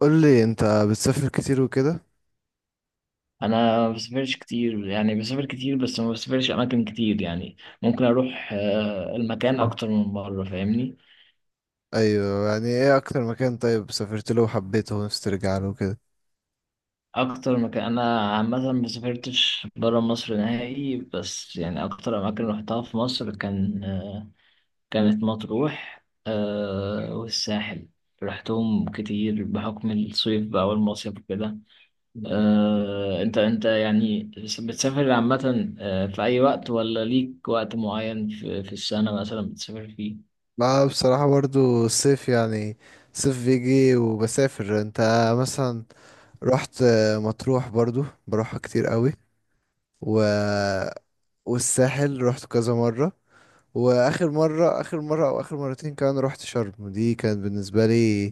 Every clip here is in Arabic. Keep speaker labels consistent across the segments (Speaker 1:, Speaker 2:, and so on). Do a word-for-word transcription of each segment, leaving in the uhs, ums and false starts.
Speaker 1: قول لي انت بتسافر كتير وكده.
Speaker 2: انا ما بسافرش كتير يعني بسافر كتير بس ما بسافرش اماكن كتير يعني ممكن اروح آه، المكان اكتر من مره فاهمني.
Speaker 1: ايوه، يعني ايه اكتر مكان طيب سافرت له وحبيته ونفسي ترجع له وكده؟
Speaker 2: اكتر مكان انا عامه ما سافرتش بره مصر نهائي، بس يعني اكتر اماكن رحتها في مصر كان آه، كانت مطروح آه، والساحل. رحتهم كتير بحكم الصيف بقى والمصيف وكده. آه، انت انت يعني بتسافر عامة آه، في اي وقت ولا ليك وقت معين في في السنة مثلا بتسافر فيه؟
Speaker 1: لا بصراحة برضو الصيف يعني، الصيف بيجي وبسافر. انت مثلا رحت مطروح برضو بروحها كتير قوي و... والساحل رحت كذا مرة. واخر مرة، اخر مرة او اخر مرتين كمان رحت شرم. دي كانت بالنسبة لي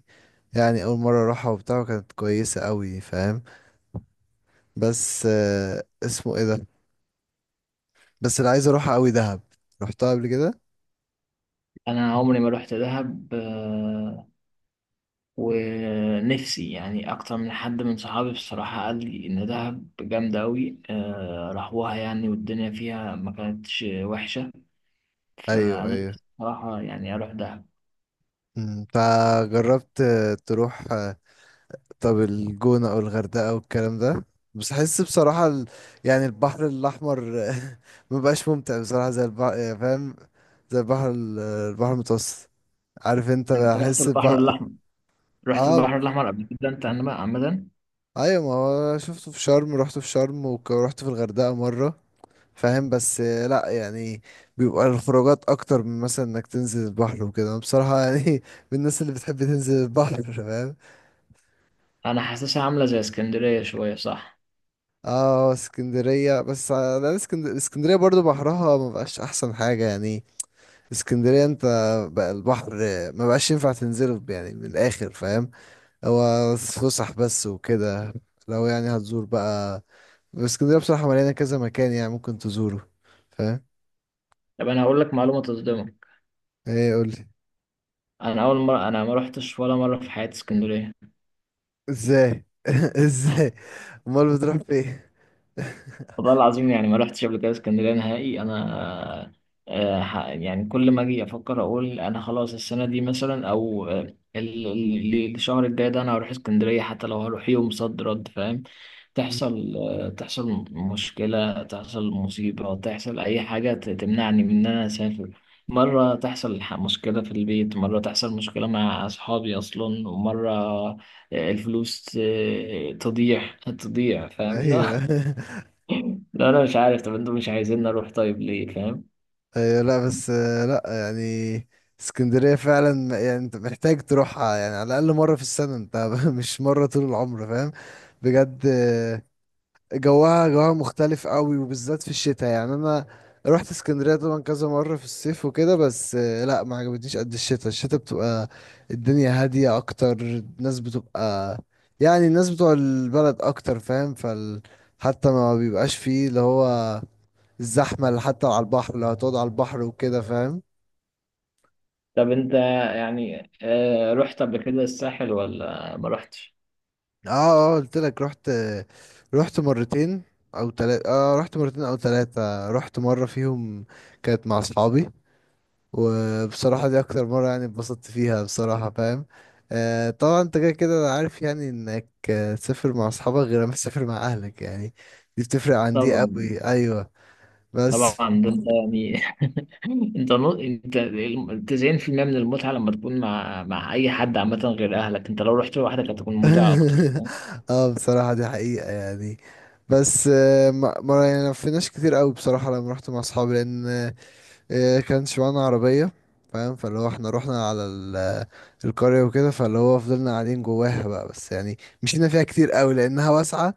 Speaker 1: يعني اول مرة اروحها وبتاع، وكانت كويسة قوي، فاهم؟ بس آه، اسمه ايه ده، بس اللي عايز اروحها قوي دهب. رحتها قبل كده؟
Speaker 2: انا عمري ما روحت دهب آه، ونفسي يعني اكتر من حد من صحابي بصراحة قال لي ان دهب جامدة اوي آه، راحوها يعني والدنيا فيها ما كانتش وحشة. فانا
Speaker 1: ايوه ايوه.
Speaker 2: نفسي بصراحة يعني اروح دهب.
Speaker 1: أمم، فجربت آه، تروح آه، طب الجونة او الغردقة والكلام ده؟ بس احس بصراحة ال... يعني البحر الاحمر آه، ما بقاش ممتع بصراحة زي البحر، فاهم؟ زي البحر ال- البحر المتوسط، عارف؟ انت
Speaker 2: انت رحت
Speaker 1: بحس
Speaker 2: البحر
Speaker 1: بقى.
Speaker 2: الاحمر رحت البحر
Speaker 1: اه
Speaker 2: الاحمر قبل كده انت عن- عمدا؟
Speaker 1: ايوه، ما هو شفته في شرم، رحت في شرم ورحت في الغردقة مرة. فاهم؟ بس آه، لا يعني بيبقى الخروجات اكتر من مثلا انك تنزل البحر وكده. انا بصراحه يعني من الناس اللي بتحب تنزل البحر فاهم.
Speaker 2: انا حاسسها عاملة زي اسكندرية شوية، صح؟
Speaker 1: اه اسكندريه، بس انا اسكندريه، اسكندريه برضو بحرها ما بقاش احسن حاجه يعني. اسكندريه انت بقى البحر آه، ما بقاش ينفع تنزله يعني، من الاخر فاهم. هو فسح بس وكده. لو يعني هتزور بقى، اسكندريه بصراحه مليانه كذا مكان يعني ممكن تزوره، فاهم.
Speaker 2: طب انا هقول لك معلومة تصدمك.
Speaker 1: ايه، قولي.
Speaker 2: انا اول مرة انا ما روحتش ولا مرة في حياتي اسكندرية.
Speaker 1: ازاي؟ ازاي؟ امال بتروح فين؟
Speaker 2: والله العظيم يعني ما رحتش قبل كده اسكندريه نهائي انا. آه، ح- يعني كل ما اجي افكر اقول انا خلاص السنه دي مثلا او آه، ال- ال- الشهر الجاي ده انا هروح اسكندريه حتى لو هروح يوم صد رد، فاهم.
Speaker 1: مم.
Speaker 2: تحصل آه، تحصل مشكله، تحصل مصيبه، تحصل اي حاجه ت- تمنعني من ان انا اسافر. مره تحصل ح- مشكله في البيت، مره تحصل مشكله مع اصحابي اصلا، ومره آه، الفلوس آه، تضيع تضيع فاهم.
Speaker 1: ايوه
Speaker 2: لا، انا مش عارف. طب انتوا مش عايزين نروح طيب، ليه؟ فاهم.
Speaker 1: ايوه، لا بس آه، لا يعني اسكندرية فعلا م- يعني انت محتاج تروحها يعني على الاقل مرة في السنة انت مش مرة طول العمر، فاهم؟ بجد. جواها، جواها مختلف قوي وبالذات في الشتاء. يعني انا رحت اسكندريه طبعا كذا مره في الصيف وكده، بس آه، لا ما عجبتنيش قد الشتاء. الشتاء بتبقى الدنيا هاديه اكتر. الناس بتبقى يعني الناس بتوع البلد اكتر، فاهم؟ فال حتى ما بيبقاش فيه اللي هو الزحمه اللي حتى على البحر، لو هتقعد على البحر وكده فاهم.
Speaker 2: طب انت يعني آه، رحت قبل كده الساحل ولا ما رحتش؟
Speaker 1: اه، اه قلت لك رحت. رحت مرتين او تلاتة. اه رحت مرتين او تلاتة. رحت مره فيهم كانت مع اصحابي، وبصراحة دي أكتر مرة يعني اتبسطت فيها بصراحة، فاهم؟ آه طبعا أنت كده كده. أنا عارف يعني إنك آه، تسافر مع أصحابك غير ما تسافر مع أهلك يعني، دي بتفرق عن دي
Speaker 2: طبعا.
Speaker 1: أوي، أيوة. بس
Speaker 2: طبعا ده انت يعني، انت نو... انت ال- تسعين في المية من المتعه لما تكون مع مع اي حد عامه غير اهلك. انت لو رحت لوحدك هتكون ممتعه اكتر، فاهم؟
Speaker 1: اه بصراحة دي حقيقة يعني. بس آه ما ما- يعني ما لفيناش كتير أوي بصراحة لما رحت مع أصحابي، لأن آه كانش معانا عربية، فاهم؟ فاللي هو احنا رحنا على ال- القرية وكده، فاللي هو فضلنا قاعدين جواها بقى، بس يعني مشينا فيها كتير قوي لانها واسعه.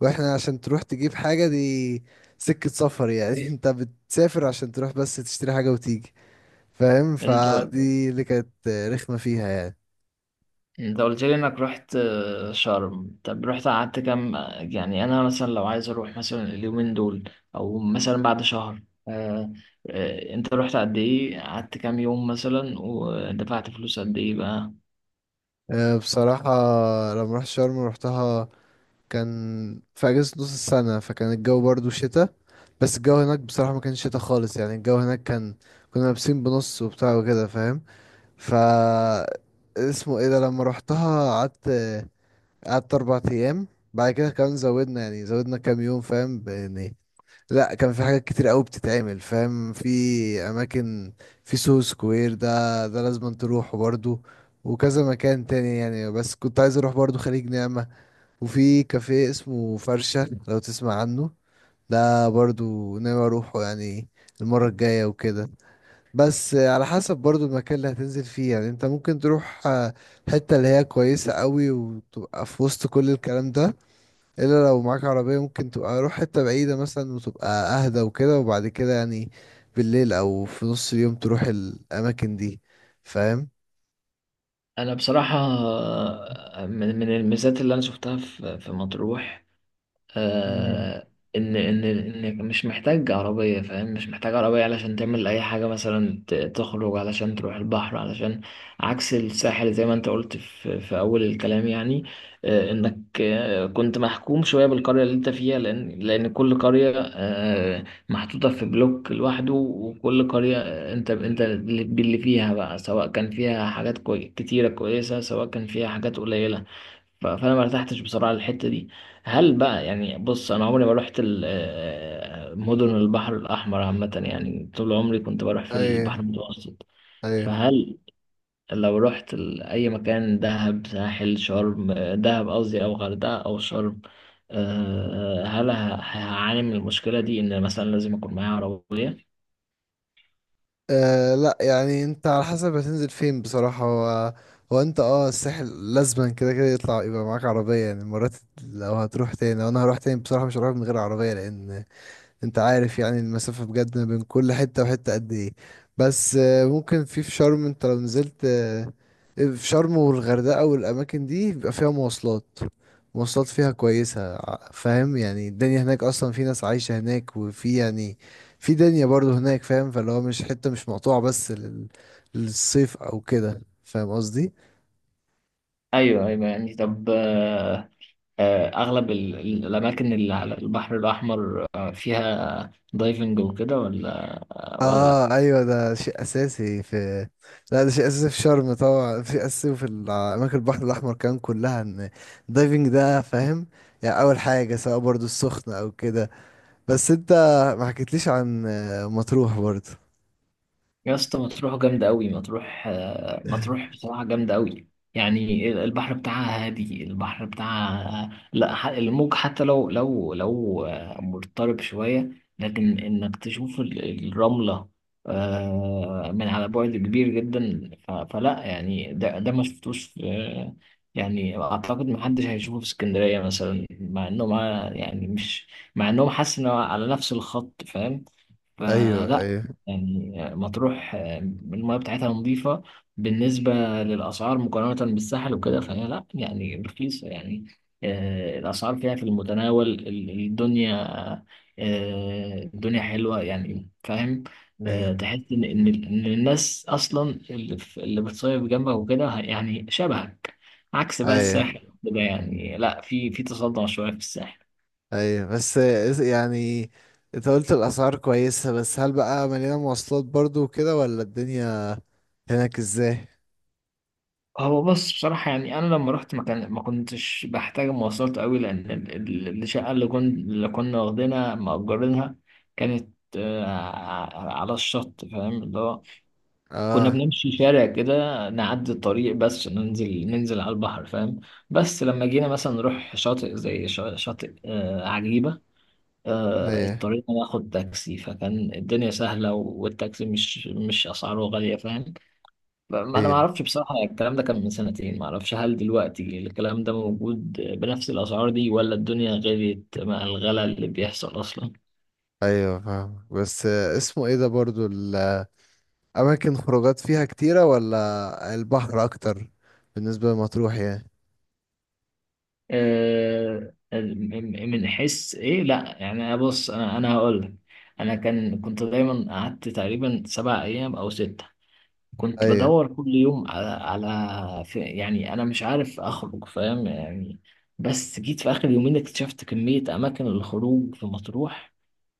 Speaker 1: واحنا عشان تروح تجيب حاجة دي سكة سفر يعني انت بتسافر عشان تروح بس تشتري حاجة وتيجي، فاهم؟
Speaker 2: انت
Speaker 1: فدي اللي كانت رخمة فيها يعني.
Speaker 2: انت قلت لي انك رحت آه، شرم. طب رحت قعدت كام؟ يعني انا مثلا لو عايز اروح مثلا اليومين دول او مثلا بعد شهر، آه، آه، انت رحت قد ايه، قعدت كام يوم مثلا ودفعت فلوس قد ايه بقى؟
Speaker 1: أه، بصراحة لما رحت شرم روحتها كان في أجازة نص السنة، فكان الجو برضو شتاء. بس الجو هناك بصراحة ما كانش شتاء خالص يعني. الجو هناك كان، كنا لابسين بنص وبتاع وكده فاهم. ف اسمه ايه ده، لما روحتها قعدت، قعدت اربع ايام. بعد كده كمان زودنا يعني زودنا كام يوم، فاهم؟ ب- يعني لا كان في حاجات كتير قوي بتتعمل، فاهم؟ في اماكن، في سو سكوير ده، ده لازم تروحه برضو. وكذا مكان تاني يعني. بس كنت عايز اروح برضو خليج نعمة، وفي كافيه اسمه فرشة لو تسمع عنه، ده برضو ناوي اروحه يعني المرة الجاية وكده. بس على حسب برضو المكان اللي هتنزل فيه يعني. انت ممكن تروح آه، حتة اللي هي كويسة قوي وتبقى في وسط كل الكلام ده، الا لو معاك عربية ممكن تبقى روح حتة بعيدة مثلا وتبقى اهدى وكده، وبعد كده يعني بالليل او في نص اليوم تروح الاماكن دي، فاهم؟
Speaker 2: انا بصراحة آه، من من الميزات اللي انا شفتها في في مطروح
Speaker 1: مم.
Speaker 2: آه، ان ان ان مش محتاج عربيه، فاهم. مش محتاج عربيه علشان تعمل اي حاجه، مثلا ت- تخرج علشان تروح البحر، علشان عكس الساحل زي ما انت قلت في, في, اول الكلام يعني. آه، انك آه، كنت محكوم شويه بالقريه اللي انت فيها، لان لان كل قريه آه، محطوطه في بلوك لوحده، وكل قريه آه، انت انت اللي اللي فيها بقى، سواء كان فيها حاجات كوي- كتيره كويسه سواء كان فيها حاجات قليله. ف- فانا ما ارتحتش بصراحه للحته دي. هل بقى يعني بص انا عمري ما رحت ال- آه، مدن البحر الاحمر عامه، يعني طول عمري كنت بروح في البحر
Speaker 1: ايه
Speaker 2: المتوسط.
Speaker 1: ايه.
Speaker 2: فهل لو رحت ال- اي مكان، دهب ساحل شرم آه، دهب قصدي، او غردقه او شرم آه، هل ه- هعاني من المشكله دي ان مثلا لازم اكون معايا عربيه؟
Speaker 1: آه لا يعني، انت على حسب هتنزل فين بصراحة. هو، هو انت اه الساحل لازما كده كده يطلع يبقى معاك عربية يعني مرات. لو هتروح تاني، لو انا هروح تاني بصراحة مش هروح من غير عربية، لان انت عارف يعني المسافة بجد ما بين كل حتة وحتة قد ايه. بس آه، ممكن في في شرم، انت لو نزلت آه، في شرم والغردقة والأماكن دي بيبقى فيها مواصلات، مواصلات فيها كويسة ع- فاهم؟ يعني الدنيا هناك أصلا في ناس عايشة هناك، وفي يعني في دنيا برضو هناك فاهم. فاللي هو مش حتة مش مقطوعة بس لل- للصيف أو كده، فاهم قصدي؟
Speaker 2: ايوه ايوه يعني طب آه، آه، اغلب ال- ال- الاماكن اللي على البحر الاحمر آه، فيها دايفنج وكده، ولا ولا لا؟
Speaker 1: اه ايوه، ده شيء اساسي في، لا ده شيء اساسي في شرم طبعا، في اساسي في ال- اماكن البحر الاحمر كمان كلها، ان الدايفنج ده فاهم. يعني اول حاجه سواء برضو السخنه او كده. بس انت ما حكيتليش عن آه، مطروح برضو.
Speaker 2: يا اسطى مطروح جامدة أوي. مطروح آه، مطروح بصراحة جامدة أوي. يعني البحر بتاعها هادي، البحر بتاعها لا ح- الموج حتى لو لو لو آه، مضطرب شوية، لكن إنك تشوف ال- الرملة آه، من على بعد كبير جدا. ف- فلا يعني ده ده ما شفتوش في يعني، أعتقد محدش هيشوفه في اسكندرية مثلا، مع إنه مع يعني مش مع إنهم، حاسس إنه على نفس الخط، فاهم.
Speaker 1: ايوه
Speaker 2: فلا
Speaker 1: ايوه.
Speaker 2: يعني مطروح آه، المياه بتاعتها نظيفة. بالنسبة للأسعار مقارنة بالساحل وكده، فهي لا يعني رخيصة يعني. آه، الأسعار فيها في المتناول. ال- الدنيا آه، الدنيا حلوة يعني، فاهم.
Speaker 1: ايوه
Speaker 2: آه، تحس إن إن إن الناس أصلا اللي في- اللي بتصيف جنبك وكده ه- يعني شبهك. عكس بقى
Speaker 1: ايوه
Speaker 2: الساحل وكده، يعني لا في في تصدع شوية في الساحل.
Speaker 1: ايوه، بس آه، يعني انت قلت الاسعار كويسه، بس هل بقى مليانه مواصلات برضو وكده، ولا الدنيا هناك ازاي؟
Speaker 2: هو بص بصراحة يعني، أنا لما رحت ما كان ما كنتش بحتاج مواصلات قوي، لأن ال- ال- الشقة اللي كنا اللي كنا واخدينها مأجرينها كانت آه، ع- على الشط، فاهم. اللي هو كنا
Speaker 1: اه
Speaker 2: بنمشي شارع كده، نعدي الطريق بس عشان ننزل، ننزل على البحر، فاهم. بس لما جينا مثلا نروح شاطئ زي شا- شاطئ آه، عجيبة. آه،
Speaker 1: ايوه
Speaker 2: اضطرينا ناخد تاكسي فكان الدنيا سهلة، والتاكسي مش مش أسعاره غالية، فاهم. ما انا ما
Speaker 1: ايوه
Speaker 2: اعرفش بصراحه، الكلام ده كان من سنتين، ما اعرفش هل دلوقتي الكلام ده موجود بنفس الاسعار دي ولا الدنيا غليت مع الغلا اللي بيحصل اصلا.
Speaker 1: ايوه فاهم. بس اسمه ايه ده برضو، الاماكن خروجات فيها كتيرة ولا البحر اكتر، بالنسبة لمطروح يعني؟
Speaker 2: آه، آه، من من حس ايه، لا يعني بص انا انا هقول لك. انا كان كنت دايما قعدت تقريبا سبع ايام او سته. كنت
Speaker 1: ايوه.
Speaker 2: بدور كل يوم على على في يعني، انا مش عارف اخرج، فاهم يعني. بس جيت في اخر يومين اكتشفت كميه اماكن الخروج في مطروح،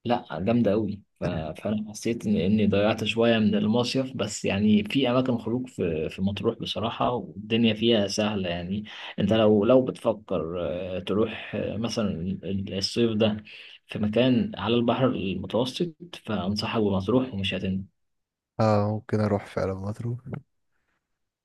Speaker 2: لا جامدة أوي. ف- فأنا حسيت إن إني ضيعت شوية من المصيف، بس يعني في أماكن خروج في في مطروح بصراحة، والدنيا فيها سهلة يعني. أنت لو لو بتفكر آه، تروح آه، مثلا ال- الصيف ده في مكان على البحر المتوسط، فأنصحك بمطروح ومش هتندم.
Speaker 1: اه ممكن اروح فعلا مطروح.